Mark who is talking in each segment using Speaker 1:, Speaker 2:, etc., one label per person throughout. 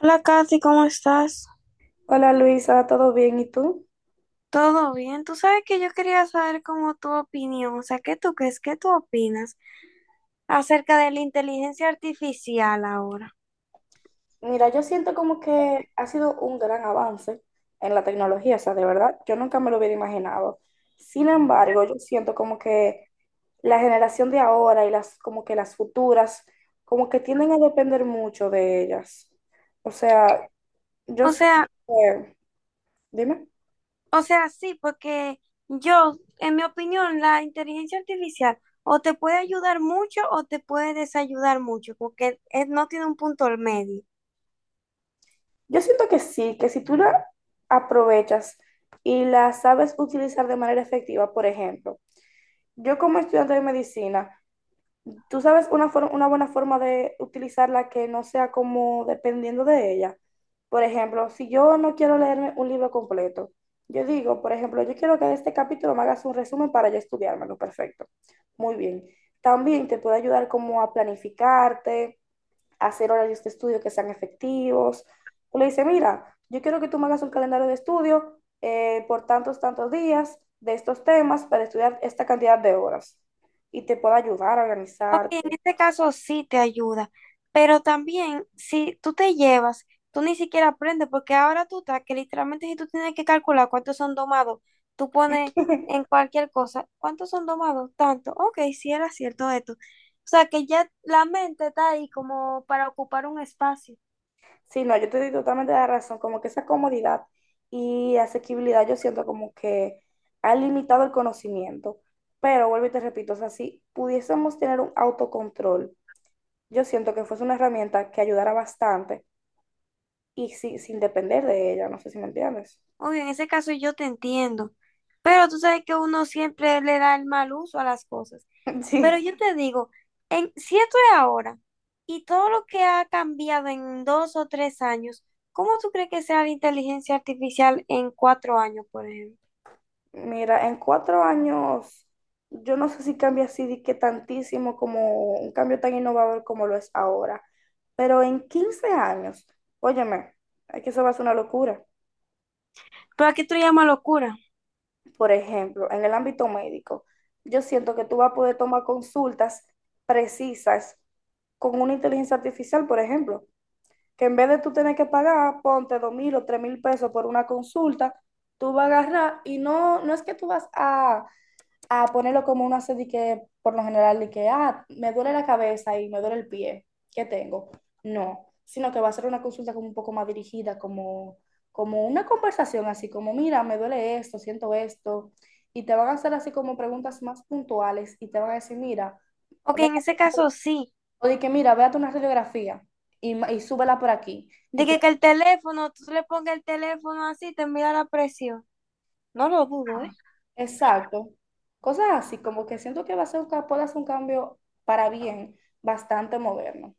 Speaker 1: Hola Katy, ¿cómo estás?
Speaker 2: Hola Luisa, ¿todo bien? ¿Y tú?
Speaker 1: ¿Todo bien? Tú sabes que yo quería saber cómo tu opinión, o sea, ¿qué tú crees, qué tú opinas acerca de la inteligencia artificial ahora?
Speaker 2: Mira, yo siento como que ha sido un gran avance en la tecnología, o sea, de verdad, yo nunca me lo hubiera imaginado. Sin embargo, yo siento como que la generación de ahora y las como que las futuras, como que tienden a depender mucho de ellas. O sea, yo
Speaker 1: O
Speaker 2: siento
Speaker 1: sea,
Speaker 2: que- dime,
Speaker 1: o sea, sí, porque yo, en mi opinión, la inteligencia artificial o te puede ayudar mucho o te puede desayudar mucho, porque no tiene un punto al medio.
Speaker 2: yo siento que sí, que si tú la aprovechas y la sabes utilizar de manera efectiva, por ejemplo, yo como estudiante de medicina, tú sabes una, una buena forma de utilizarla que no sea como dependiendo de ella. Por ejemplo, si yo no quiero leerme un libro completo, yo digo, por ejemplo, yo quiero que de este capítulo me hagas un resumen para yo estudiármelo. Perfecto. Muy bien. También te puede ayudar como a planificarte, a hacer horarios de estudio que sean efectivos. Tú le dices, mira, yo quiero que tú me hagas un calendario de estudio por tantos, tantos días de estos temas para estudiar esta cantidad de horas y te puede ayudar a organizar.
Speaker 1: En este caso sí te ayuda, pero también si tú te llevas, tú ni siquiera aprendes, porque ahora tú estás que literalmente si tú tienes que calcular cuántos son domados, tú pones en cualquier cosa, ¿cuántos son domados? Tanto, ok, sí era cierto esto. O sea que ya la mente está ahí como para ocupar un espacio.
Speaker 2: Sí, no, yo te doy totalmente la razón, como que esa comodidad y asequibilidad yo siento como que ha limitado el conocimiento, pero vuelvo y te repito, o sea, si pudiésemos tener un autocontrol, yo siento que fuese una herramienta que ayudara bastante y sin depender de ella, no sé si me entiendes.
Speaker 1: Obvio, en ese caso yo te entiendo, pero tú sabes que uno siempre le da el mal uso a las cosas. Pero
Speaker 2: Sí.
Speaker 1: yo te digo, en, si esto es ahora y todo lo que ha cambiado en 2 o 3 años, ¿cómo tú crees que sea la inteligencia artificial en 4 años, por ejemplo?
Speaker 2: Mira, en 4 años, yo no sé si cambia así de que tantísimo como un cambio tan innovador como lo es ahora, pero en 15 años, óyeme, es que eso va a ser una locura.
Speaker 1: Pero aquí tú le llamas locura.
Speaker 2: Por ejemplo, en el ámbito médico, yo siento que tú vas a poder tomar consultas precisas con una inteligencia artificial, por ejemplo, que en vez de tú tener que pagar, ponte 2000 o 3000 pesos por una consulta, tú vas a agarrar y no, no es que tú vas a ponerlo como uno hace de que, por lo general, de que, ah, me duele la cabeza y me duele el pie, ¿qué tengo? No, sino que va a ser una consulta como un poco más dirigida, como una conversación así, como, mira, me duele esto, siento esto, y te van a hacer así como preguntas más puntuales y te van a decir, mira,
Speaker 1: Ok,
Speaker 2: ve-
Speaker 1: en ese caso sí,
Speaker 2: o de que, mira, véate una radiografía y súbela por aquí,
Speaker 1: de
Speaker 2: y te,
Speaker 1: que el teléfono, tú le pongas el teléfono así, te envía la presión. No lo dudo, ¿eh?
Speaker 2: exacto, cosas así, como que siento que va a ser puede hacer un cambio para bien bastante moderno.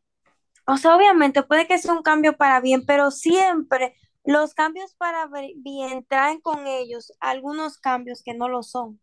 Speaker 1: O sea, obviamente puede que sea un cambio para bien, pero siempre los cambios para bien traen con ellos algunos cambios que no lo son,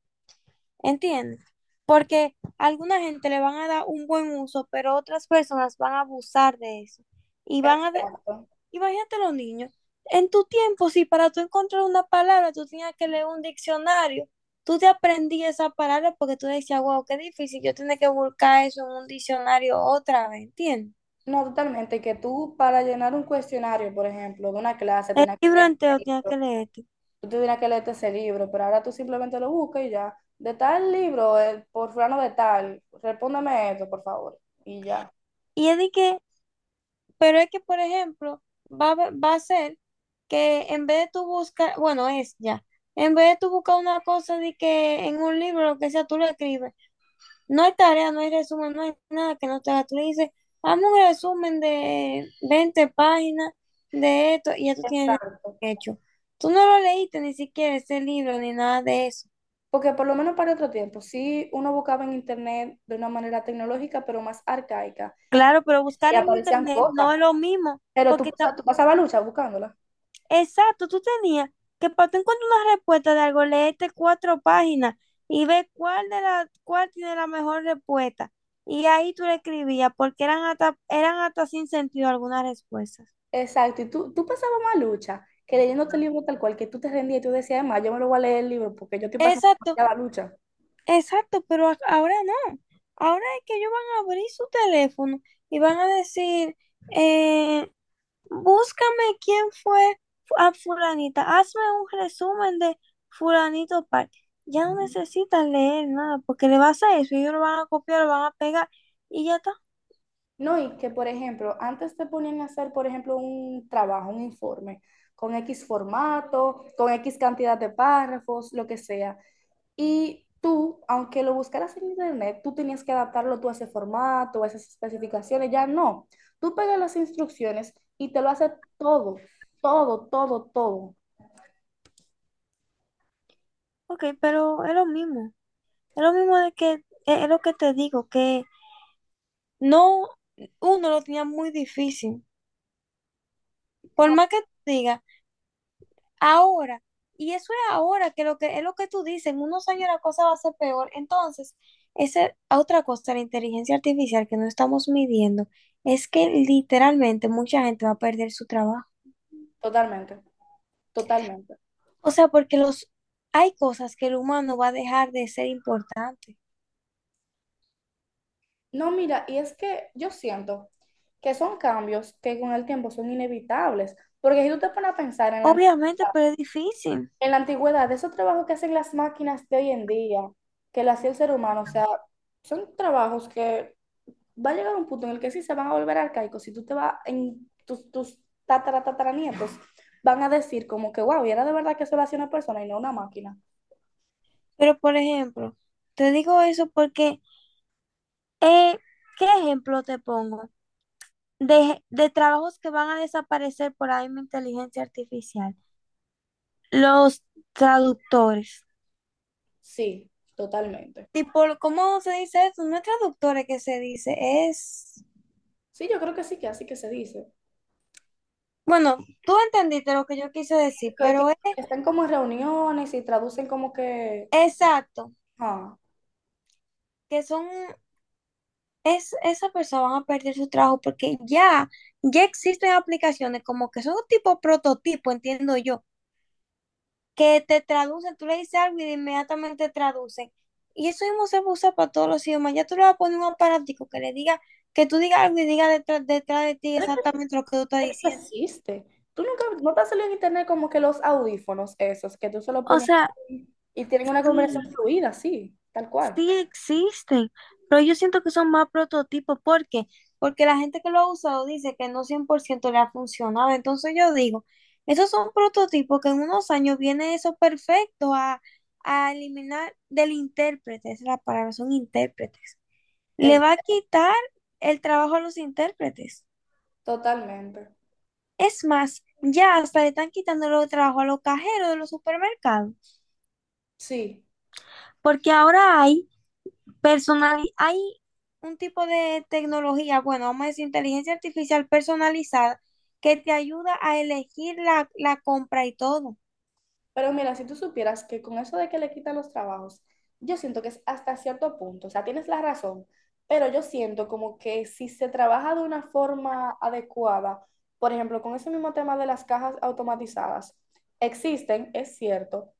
Speaker 1: ¿entiendes? Porque a alguna gente le van a dar un buen uso, pero otras personas van a abusar de eso. Y van a...
Speaker 2: Exacto.
Speaker 1: Imagínate los niños, en tu tiempo, si para tú encontrar una palabra tú tenías que leer un diccionario, tú te aprendías esa palabra porque tú decías, wow, qué difícil, yo tenía que buscar eso en un diccionario otra vez, ¿entiendes?
Speaker 2: No, totalmente, que tú para llenar un cuestionario, por ejemplo, de una clase,
Speaker 1: El
Speaker 2: tenías que
Speaker 1: libro
Speaker 2: leer el
Speaker 1: entero tienes que
Speaker 2: libro,
Speaker 1: leerte.
Speaker 2: tú tenías que leerte ese libro, pero ahora tú simplemente lo buscas y ya, de tal libro, por fulano de tal, respóndeme esto, por favor, y ya.
Speaker 1: Y es de que, pero es que, por ejemplo, va a ser que en vez de tú buscar, bueno, es ya, en vez de tú buscar una cosa de que en un libro, lo que sea, tú lo escribes. No hay tarea, no hay resumen, no hay nada que no te haga. Tú le dices, hazme un resumen de 20 páginas de esto y ya tú tienes
Speaker 2: Exacto.
Speaker 1: el hecho. Tú no lo leíste ni siquiera ese libro ni nada de eso.
Speaker 2: Porque por lo menos para otro tiempo, sí uno buscaba en internet de una manera tecnológica, pero más arcaica,
Speaker 1: Claro, pero buscar
Speaker 2: y
Speaker 1: en
Speaker 2: aparecían
Speaker 1: internet no
Speaker 2: cosas,
Speaker 1: es lo mismo,
Speaker 2: pero
Speaker 1: porque
Speaker 2: tú pasabas lucha buscándolas.
Speaker 1: exacto, tú tenías que para tú encontrar una respuesta de algo, leerte 4 páginas y ver cuál de la, cuál tiene la mejor respuesta. Y ahí tú le escribías, porque eran hasta sin sentido algunas respuestas.
Speaker 2: Exacto, y tú pasabas más lucha que leyéndote el libro tal cual, que tú te rendías y tú decías, además, yo me lo voy a leer el libro porque yo estoy pasando
Speaker 1: Exacto,
Speaker 2: la lucha.
Speaker 1: exacto, pero ahora no. Ahora es que ellos van a abrir su teléfono y van a decir, eh, búscame quién fue a fulanita. Hazme un resumen de fulanito tal. Ya no necesitas leer nada porque le vas a eso. Y ellos lo van a copiar, lo van a pegar y ya está.
Speaker 2: No, y que, por ejemplo, antes te ponían a hacer, por ejemplo, un trabajo, un informe, con X formato, con X cantidad de párrafos, lo que sea. Y tú, aunque lo buscaras en internet, tú tenías que adaptarlo tú a ese formato, a esas especificaciones, ya no. Tú pegas las instrucciones y te lo hace todo, todo, todo, todo.
Speaker 1: Ok, pero es lo mismo. Es lo mismo de que, es lo que te digo, que no, uno lo tenía muy difícil. Por
Speaker 2: No,
Speaker 1: más que te diga. Ahora, y eso es ahora, que lo que es lo que tú dices, en unos años la cosa va a ser peor. Entonces, esa otra cosa de la inteligencia artificial que no estamos midiendo es que literalmente mucha gente va a perder su trabajo.
Speaker 2: totalmente. Totalmente.
Speaker 1: O sea, porque los hay cosas que el humano va a dejar de ser importante.
Speaker 2: No, mira, y es que yo siento que son cambios que con el tiempo son inevitables, porque si tú te pones a pensar en la
Speaker 1: Obviamente,
Speaker 2: antigüedad,
Speaker 1: pero es difícil.
Speaker 2: esos trabajos que hacen las máquinas de hoy en día, que lo hacía el ser humano, o sea, son trabajos que va a llegar un punto en el que sí se van a volver arcaicos, si tú te vas en tus tataranietos, van a decir como que, wow, y era de verdad que eso lo hacía una persona y no una máquina.
Speaker 1: Pero, por ejemplo, te digo eso porque, eh, ¿qué ejemplo te pongo? De trabajos que van a desaparecer por ahí mi inteligencia artificial. Los traductores.
Speaker 2: Sí, totalmente.
Speaker 1: Tipo, ¿cómo se dice eso? No es traductores que se dice, es...
Speaker 2: Sí, yo creo que sí, que así que se dice.
Speaker 1: Bueno, tú entendiste lo que yo quise decir,
Speaker 2: Que
Speaker 1: pero es
Speaker 2: están como en reuniones y traducen como que...
Speaker 1: exacto,
Speaker 2: Ah,
Speaker 1: que son... Es, esas personas van a perder su trabajo porque ya, ya existen aplicaciones como que son un tipo prototipo, entiendo yo, que te traducen, tú le dices algo y inmediatamente traducen. Y eso mismo se usa para todos los idiomas. Ya tú le vas a poner un aparatico que le diga, que tú digas algo y diga detrás, detrás de ti
Speaker 2: pero es
Speaker 1: exactamente lo que tú estás
Speaker 2: que esto
Speaker 1: diciendo.
Speaker 2: existe. Tú nunca, no te ha salido en internet como que los audífonos esos, que tú se los
Speaker 1: O
Speaker 2: pones
Speaker 1: sea,
Speaker 2: y tienen una
Speaker 1: mm,
Speaker 2: conversación fluida, sí, tal cual.
Speaker 1: sí existen, pero yo siento que son más prototipos. ¿Por qué? Porque la gente que lo ha usado dice que no 100% le ha funcionado. Entonces yo digo, esos son prototipos que en unos años viene eso perfecto a eliminar del intérprete. Esa es la palabra, son intérpretes. Le
Speaker 2: Eh,
Speaker 1: va a quitar el trabajo a los intérpretes.
Speaker 2: Totalmente.
Speaker 1: Es más, ya hasta le están quitando el trabajo a los cajeros de los supermercados,
Speaker 2: Sí.
Speaker 1: porque ahora hay personal, hay un tipo de tecnología, bueno, vamos a decir inteligencia artificial personalizada, que te ayuda a elegir la compra y todo.
Speaker 2: Pero mira, si tú supieras que con eso de que le quitan los trabajos, yo siento que es hasta cierto punto, o sea, tienes la razón, pero yo siento como que si se trabaja de una forma adecuada, por ejemplo, con ese mismo tema de las cajas automatizadas, existen, es cierto,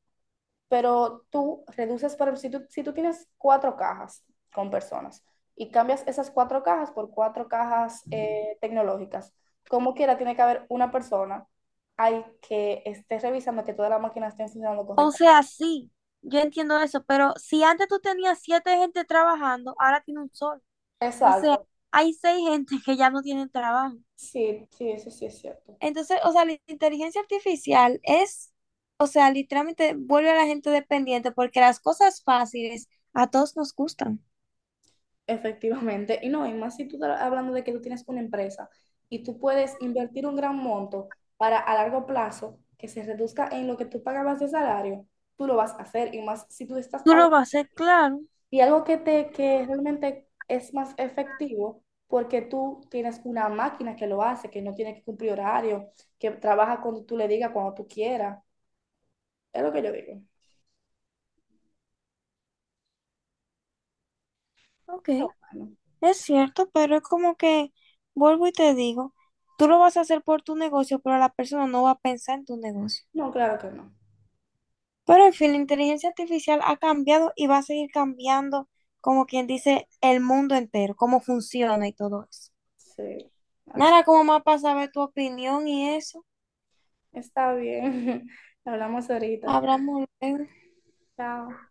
Speaker 2: pero tú reduces para, si tú tienes cuatro cajas con personas y cambias esas cuatro cajas por cuatro cajas tecnológicas, como quiera tiene que haber una persona ahí que esté revisando que todas las máquinas estén funcionando
Speaker 1: O sea,
Speaker 2: correctamente.
Speaker 1: sí, yo entiendo eso, pero si antes tú tenías 7 gente trabajando, ahora tiene un solo. O sea,
Speaker 2: Exacto.
Speaker 1: hay 6 gente que ya no tienen trabajo.
Speaker 2: Sí, sí, eso sí es cierto.
Speaker 1: Entonces, o sea, la inteligencia artificial es, o sea, literalmente vuelve a la gente dependiente porque las cosas fáciles a todos nos gustan.
Speaker 2: Efectivamente. Y no, y más si tú estás hablando de que tú tienes una empresa y tú puedes invertir un gran monto para a largo plazo que se reduzca en lo que tú pagabas de salario, tú lo vas a hacer. Y más si tú estás
Speaker 1: Tú lo
Speaker 2: hablando.
Speaker 1: vas a hacer, claro.
Speaker 2: Y algo que realmente es más efectivo porque tú tienes una máquina que lo hace, que no tiene que cumplir horario, que trabaja cuando tú le digas, cuando tú quieras. Es lo que yo digo.
Speaker 1: Ok.
Speaker 2: Pero bueno,
Speaker 1: Es cierto, pero es como que, vuelvo y te digo, tú lo vas a hacer por tu negocio, pero la persona no va a pensar en tu negocio.
Speaker 2: no, claro que no.
Speaker 1: Pero en fin, la inteligencia artificial ha cambiado y va a seguir cambiando, como quien dice, el mundo entero, cómo funciona y todo eso.
Speaker 2: Sí, así.
Speaker 1: Nada, como más para saber tu opinión y eso.
Speaker 2: Está bien. Hablamos ahorita.
Speaker 1: Hablamos luego.
Speaker 2: Chao.